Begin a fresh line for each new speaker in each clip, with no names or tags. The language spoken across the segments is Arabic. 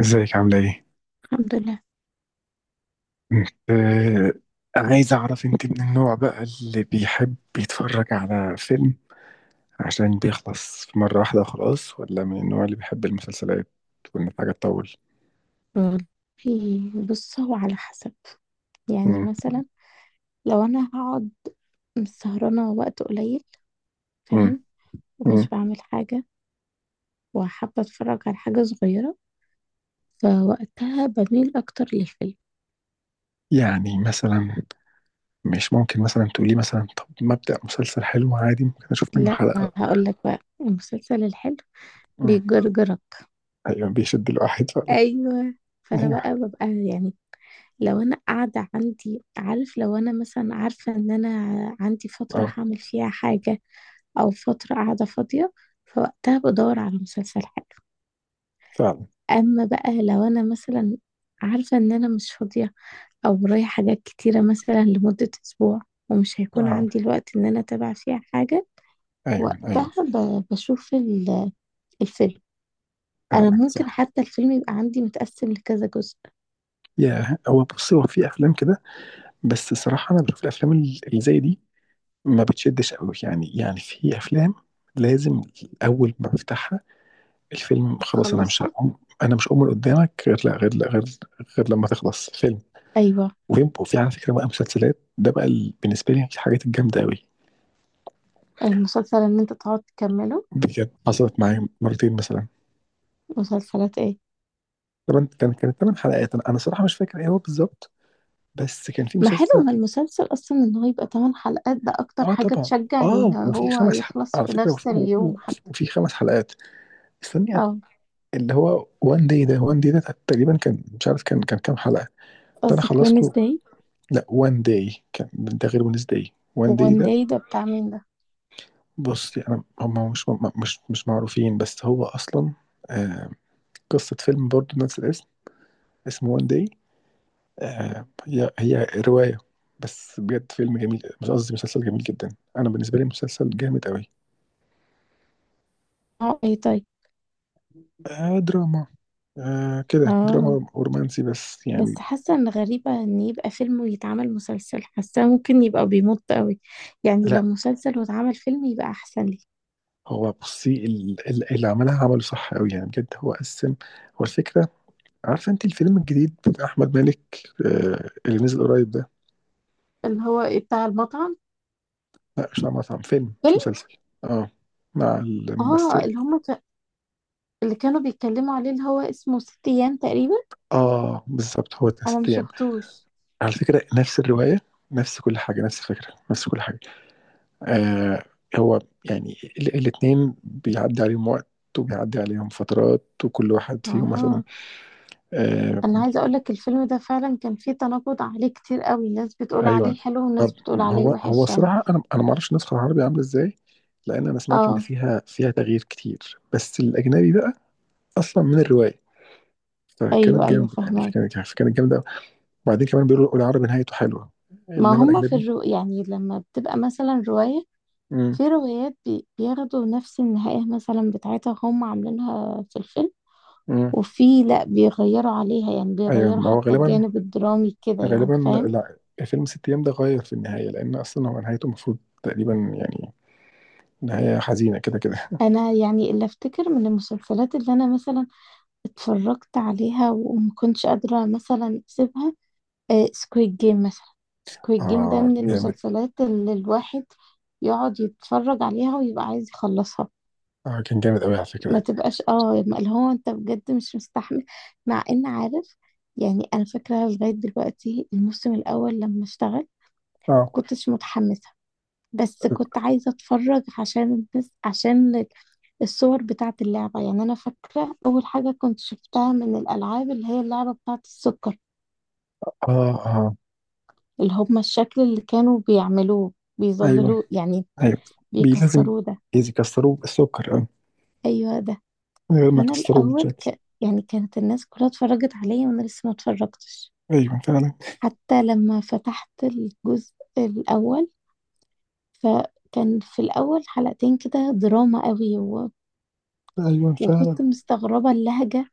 ازيك عاملة ايه؟
الحمد لله.
انت. عايز اعرف انت من النوع بقى اللي بيحب يتفرج على فيلم عشان بيخلص في مرة واحدة وخلاص، ولا من النوع اللي بيحب المسلسلات وان الحاجة تطول؟
والله بص، هو على حسب. يعني
مم.
مثلا، لو انا هقعد سهرانه وقت قليل،
مم.
فاهم،
مم.
ومش بعمل حاجه وحابه اتفرج على حاجه صغيره، فوقتها بميل اكتر للفيلم.
يعني مثلا مش ممكن مثلا تقولي مثلا طب ما ابدأ مسلسل حلو عادي، ممكن اشوف منه
لا،
حلقة؟
ما هقول لك بقى، المسلسل الحلو
مم.
بيجرجرك.
ايوه بيشد الواحد فعلا.
ايوه. فانا
ايوه.
بقى ببقى، يعني لو انا قاعده عندي، عارف، لو انا مثلا عارفه ان انا عندي فتره
اه.
هعمل فيها حاجه او فتره قاعده فاضيه، فوقتها بدور على مسلسل حلو.
فعلا.
اما بقى لو انا مثلا عارفه ان انا مش فاضيه او ورايا حاجات كتيره مثلا لمده اسبوع ومش هيكون
اه.
عندي الوقت ان انا اتابع فيها حاجه،
ايوه ايوه.
وقتها بشوف الفيلم. انا
فعلا
ممكن
صح.
حتى الفيلم يبقى عندي متقسم لكذا جزء.
يا هو بصي، هو في افلام كده، بس الصراحة أنا بشوف الأفلام اللي زي دي ما بتشدش قوي يعني. يعني في أفلام لازم أول ما بفتحها الفيلم خلاص، أنا مش
اتخلصها.
هقوم أنا مش هقوم من قدامك غير لا غير لا غير غير لما تخلص فيلم.
ايوه،
وفي على فكرة بقى، مسلسلات ده بقى بالنسبة لي الحاجات الجامدة قوي.
المسلسل ان انت تقعد تكمله.
بجد حصلت معايا مرتين مثلا.
مسلسلات ايه؟
طبعا كانت 8 حلقات، أنا صراحة مش فاكر إيه هو بالظبط، بس كان في
ما حلو،
مسلسل.
ما المسلسل اصلا ان هو يبقى 8 حلقات، ده اكتر
آه
حاجة
طبعا.
تشجع ان
آه، وفي
هو يخلص
على
في
فكرة، وفي,
نفس اليوم
وفي
حتى.
وفي 5 حلقات. استني.
اه.
اللي هو وان داي ده، تقريبا كان مش عارف كان كام حلقة. ده انا
قصدك
خلصته.
وينزداي؟
لا، وان داي كان ده غير ونس داي. وان داي
وان
ده،
داي ده بتاع مين ده؟
بص انا هم مش، مش معروفين، بس هو اصلا آه، قصة فيلم برضه نفس الاسم، اسمه وان داي. آه، هي رواية، بس بجد فيلم جميل، مش قصدي مسلسل جميل جدا. انا بالنسبة لي مسلسل جامد قوي.
اه، اي طيب.
آه دراما. آه كده
اه.
دراما ورومانسي بس
بس
يعني.
حاسة ان غريبة ان يبقى فيلم ويتعمل مسلسل، حاسة ممكن يبقى بيمط قوي. يعني لو
لا،
مسلسل واتعمل فيلم يبقى احسن لي.
هو بصي اللي عملها عمله صح قوي يعني، بجد هو قسم. هو الفكره، عارفه انت الفيلم الجديد بتاع احمد مالك آه، اللي نزل قريب ده؟
اللي هو ايه، بتاع المطعم؟
لا، مش عمل مطعم. فيلم مش
فيلم.
مسلسل. اه، مع
اه.
الممثله.
اللي هم اللي كانوا بيتكلموا عليه، اللي هو اسمه ست ايام تقريبا.
اه بالظبط، هو ده
انا ما
ست ايام.
شفتوش.
على فكره نفس الروايه، نفس كل حاجه، نفس الفكره، نفس كل حاجه. آه. هو يعني الاتنين بيعدي عليهم وقت، وبيعدي عليهم فترات، وكل واحد فيهم مثلا،
اه.
آه،
انا عايزه اقول لك الفيلم ده فعلا كان فيه تناقض عليه كتير قوي، ناس بتقول
ايوه.
عليه حلو وناس
طب،
بتقول عليه
هو
وحش يعني.
الصراحه انا ما اعرفش النسخه العربي عامله ازاي، لان انا سمعت ان
اه،
فيها تغيير كتير، بس الاجنبي بقى اصلا من الروايه،
ايوه
فكانت
ايوه،
جامده يعني،
فهمك.
فكانت جامده. وبعدين كمان بيقولوا العربي نهايته حلوه،
ما
انما
هم في
الاجنبي.
الرو، يعني لما بتبقى مثلا روايه،
امم.
في روايات بياخدوا نفس النهايه مثلا بتاعتها، هم عاملينها في الفيلم.
امم.
وفي لا، بيغيروا عليها، يعني
ايوه
بيغيروا
ما هو
حتى
غالبا.
الجانب الدرامي كده، يعني
غالبا.
فاهم.
لا، فيلم ست ايام ده غير في النهايه، لان اصلا هو نهايته المفروض تقريبا يعني نهايه حزينه كده كده.
انا يعني اللي افتكر من المسلسلات اللي انا مثلا اتفرجت عليها وما كنتش قادره مثلا اسيبها، سكويد جيم مثلا. سكويد جيم ده
اه
من
جامد.
المسلسلات اللي الواحد يقعد يتفرج عليها ويبقى عايز يخلصها.
اه كان جامد قوي على
ما
فكره.
تبقاش، اه، اللي هو انت بجد مش مستحمل، مع ان عارف. يعني انا فاكره لغايه دلوقتي الموسم الاول لما اشتغل، ما
اه
كنتش متحمسه، بس كنت عايزه اتفرج عشان الناس، عشان الصور بتاعه اللعبه. يعني انا فاكره اول حاجه كنت شفتها من الالعاب اللي هي اللعبه بتاعه السكر،
اه اه.
اللي هم الشكل اللي كانوا بيعملوه،
ايوه
بيظللوه يعني،
ايوه. بي لازم
بيكسروه ده.
إذا كسروه بالسكر، اه.
ايوه ده.
من غير ما
فانا
كسروا
الاول
الشكل.
يعني كانت الناس كلها اتفرجت عليا وانا لسه ما اتفرجتش.
ايوه فعلا.
حتى لما فتحت الجزء الاول، فكان في الاول حلقتين كده دراما قوي، و...
ايوه فعلا.
وكنت مستغربة اللهجة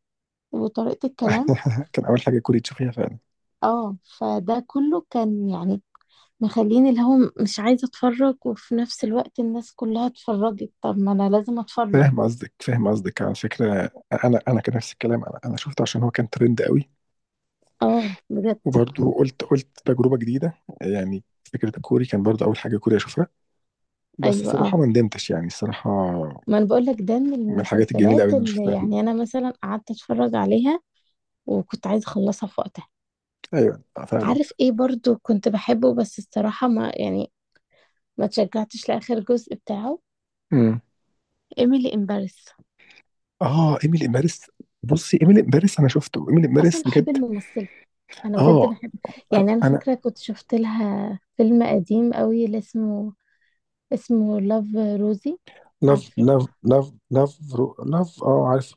وطريقة الكلام.
كان اول حاجه كوري تشوفيها فعلا.
اه، فده كله كان يعني مخليني اللي هو مش عايزة اتفرج، وفي نفس الوقت الناس كلها اتفرجت، طب ما انا لازم اتفرج.
فاهم قصدك، فاهم قصدك. على فكره انا كان نفس الكلام، انا شفته عشان هو كان ترند قوي.
اه بجد.
وبرضه قلت تجربه جديده يعني، فكره الكوري كان برضه اول حاجه كوري اشوفها، بس
ايوه، اه،
الصراحه ما ندمتش يعني. الصراحه
ما انا بقول لك، ده من
من الحاجات الجميله قوي
المسلسلات
اللي انا
اللي
شفتها.
يعني انا مثلا قعدت اتفرج عليها وكنت عايزه اخلصها في وقتها.
ايوه آه، فعلا.
عارف ايه، برضو كنت بحبه، بس الصراحه ما، يعني ما تشجعتش لاخر جزء بتاعه.
امم.
ايميلي ان باريس.
اه، ايميلي امبارس. بصي ايميلي امبارس، انا شفته ايميلي
اصلا
امبارس
بحب
بجد.
الممثله، انا بجد
اه
بحب. يعني انا
انا.
فاكره كنت شفت لها فيلم قديم قوي، اللي اسمه لاف روزي. عارفه،
لاف، اه عارف.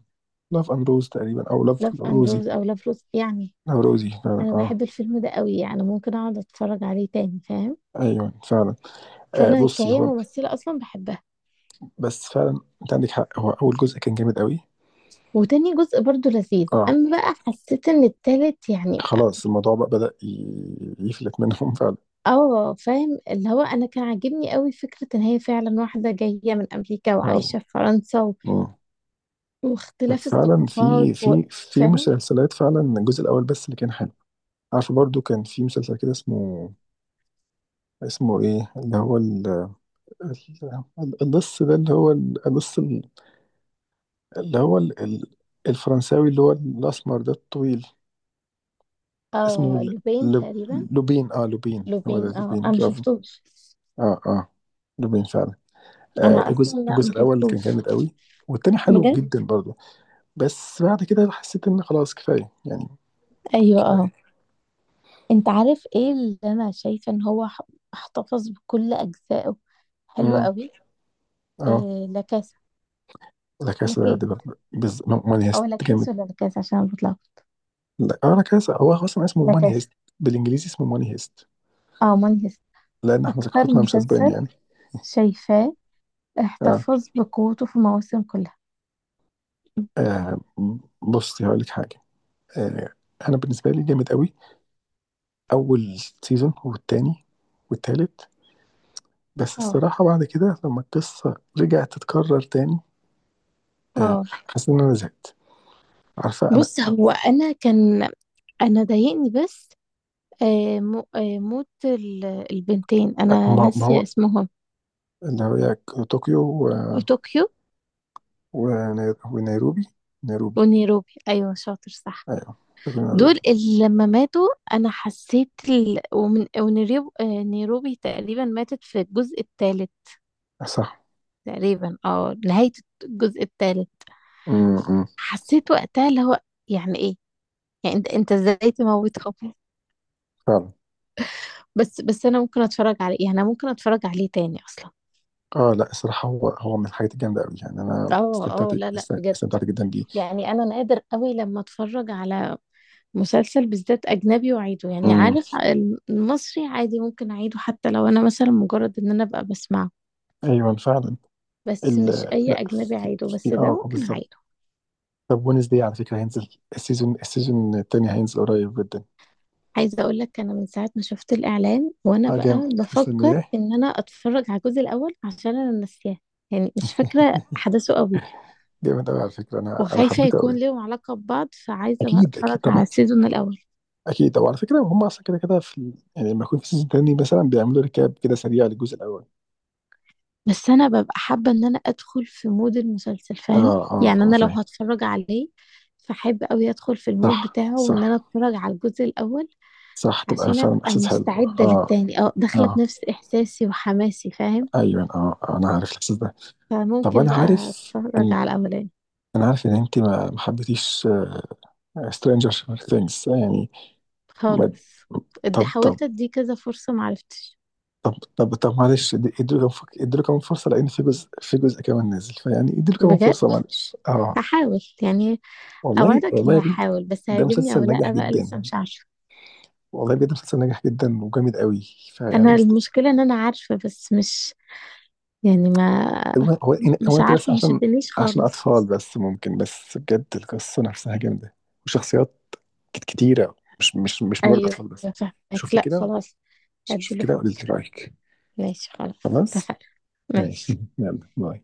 لاف امروز تقريبا، او لاف
لاف اند
روزي.
روز او لاف روز يعني.
لاف روزي فعلا
انا
اه.
بحب الفيلم ده قوي، يعني ممكن اقعد اتفرج عليه تاني، فاهم.
ايوه فعلا. آه
فانا
بصي
كهي
هو،
ممثله اصلا بحبها.
بس فعلا انت عندك حق، هو اول جزء كان جامد قوي.
وتاني جزء برضو لذيذ،
اه،
اما بقى حسيت ان التالت يعني.
خلاص الموضوع بقى بدأ يفلت منهم. فعلا.
اه، فاهم. اللي هو انا كان عاجبني قوي فكره ان هي فعلا واحده جايه من امريكا
فعلا.
وعايشه في فرنسا و...
مم.
واختلاف
فعلا، في
الثقافات و...
في
فاهم.
مسلسلات فعلا الجزء الاول بس اللي كان حلو. عارفه برضو كان في مسلسل كده اسمه، اسمه ايه اللي هو ال- ال- القص ده اللي هو القص، اللي هو ال- ال- الفرنساوي اللي هو الأسمر ده الطويل، اسمه
اه، لوبين تقريبا.
لوبين. اه لوبين، هو ده
لوبين، اه،
لوبين،
انا ما
برافو.
شفتوش.
اه اه لوبين فعلا. آه،
انا اصلا
الجزء
لا،
الجزء
ما
الأول كان
شفتوش.
جامد قوي، والتاني حلو
بجد.
جدا برضه. بس بعد كده حسيت إن خلاص كفاية يعني.
ايوه اه.
كفاية.
انت عارف ايه اللي انا شايفه ان هو احتفظ بكل اجزائه، حلو
امم.
قوي.
اه،
إيه، لا كاسا.
لا كاسا
لكي،
دي ماني
او
هيست
لا
جامد.
كيس، ولا لا كاس، عشان بطلع.
لا اه، لا كاسا هو أصلا اسمه
لا
ماني
كاس.
هيست، بالإنجليزي اسمه ماني هيست،
اه، ماني هيست.
لأن احنا
اكتر
ثقافتنا مش أسباني
مسلسل
يعني.
شايفاه
اه,
احتفظ بقوته في المواسم كلها.
آه. بصي هقول لك حاجة، آه، انا بالنسبه لي جامد قوي اول سيزون والتاني والتالت، بس
اه،
الصراحه بعد كده لما القصه رجعت تتكرر تاني آه،
اه.
حسيت ان انا زهقت. عارفه انا
بص،
آه،
هو انا كان، انا ضايقني بس موت البنتين، انا
ما
ناسيه
هو
اسمهم.
اللي هي طوكيو و-
طوكيو
وني- ونيروبي. نيروبي
ونيروبي، ايوه، شاطر، صح.
ايوه، طوكيو ونيروبي.
دول اللي لما ماتوا انا حسيت ومن ونيروبي آه، نيروبي تقريبا ماتت في الجزء الثالث،
صح.
تقريبا اه نهاية الجزء الثالث.
امم.
حسيت وقتها اللي هو يعني ايه، يعني انت ازاي تموت حب؟
فعلا.
بس انا ممكن اتفرج عليه، يعني انا ممكن اتفرج عليه تاني اصلا.
اه لا، الصراحه هو من الحاجات الجامده قوي يعني، انا
اه
استمتعت،
اه، لا لا، بجد.
استمتعت جدا بيه.
يعني انا نادر قوي لما اتفرج على مسلسل بالذات اجنبي واعيده، يعني
امم.
عارف، المصري عادي ممكن اعيده، حتى لو انا مثلا مجرد ان انا ابقى بسمعه.
ايوه فعلا.
بس
ال...
مش اي
لا،
اجنبي
في,
اعيده،
في...
بس ده
اه آه،
ممكن
بالظبط.
اعيده.
طب، ونس دي على فكرة هينزل السيزون التاني هينزل قريب جدا.
عايزة اقول لك، انا من ساعة ما شفت الاعلان وانا
اه
بقى
جامد،
بفكر
مستنياه.
ان انا اتفرج على الجزء الاول عشان انا ناسياه، يعني مش فاكرة احداثه قوي.
جامد قوي على فكرة، انا
وخايفة
حبيته
يكون
قوي.
ليهم علاقة ببعض، فعايزة بقى
اكيد اكيد
اتفرج على
طبعا.
السيزون الاول.
اكيد. وعلى فكرة هم اصلا كده كده في يعني لما يكون في سيزون تاني مثلا بيعملوا ريكاب كده سريع للجزء الاول.
بس انا ببقى حابة ان انا ادخل في مود المسلسل، فاهم،
اه اه
يعني
اه
انا لو
فاهم.
هتفرج عليه، فحب قوي ادخل في المود
صح
بتاعه، وان
صح
انا اتفرج على الجزء الاول،
صح. تبقى
عشان
فعلا
ابقى
احساس حلو
مستعدة
اه.
للتاني، اه، داخلة
اه
بنفس احساسي وحماسي، فاهم.
ايوه اه آه، انا عارف الاحساس ده. طب
فممكن
انا
بقى
عارف
اتفرج
ان،
على الاولاني.
انا عارف ان انت ما حبيتيش سترينجر ثينجز يعني. ما...
خالص. ادي
طب طب
حاولت اديه كذا فرصة، معرفتش.
طب معلش ادوا كمان، ادوا له كمان فرصه، لان في جزء، في جزء كمان نازل، فيعني ادوا له كمان
بجد،
فرصه معلش اه.
هحاول يعني.
والله
اوعدك
والله يا
اني
بنتي،
هحاول، بس
ده
هيعجبني او
مسلسل ناجح
لا، بقى
جدا،
لسه مش عارفة.
والله بجد مسلسل ناجح جدا وجامد قوي. فيعني
انا المشكلة ان انا عارفة، بس مش، يعني ما،
هو هو هو
مش
انت بس
عارفة، ما
عشان،
شدنيش خالص.
اطفال بس، ممكن بس بجد القصه نفسها جامده، وشخصيات كتيره، مش مجرد
ايوه
اطفال بس.
فاهمك،
شوفي
لا
كده،
خلاص.
شوفي
اديله
كده قولي لي
فرصة،
رايك.
ماشي، خلاص.
خلاص
اتفقنا.
ماشي،
ماشي.
يلا باي.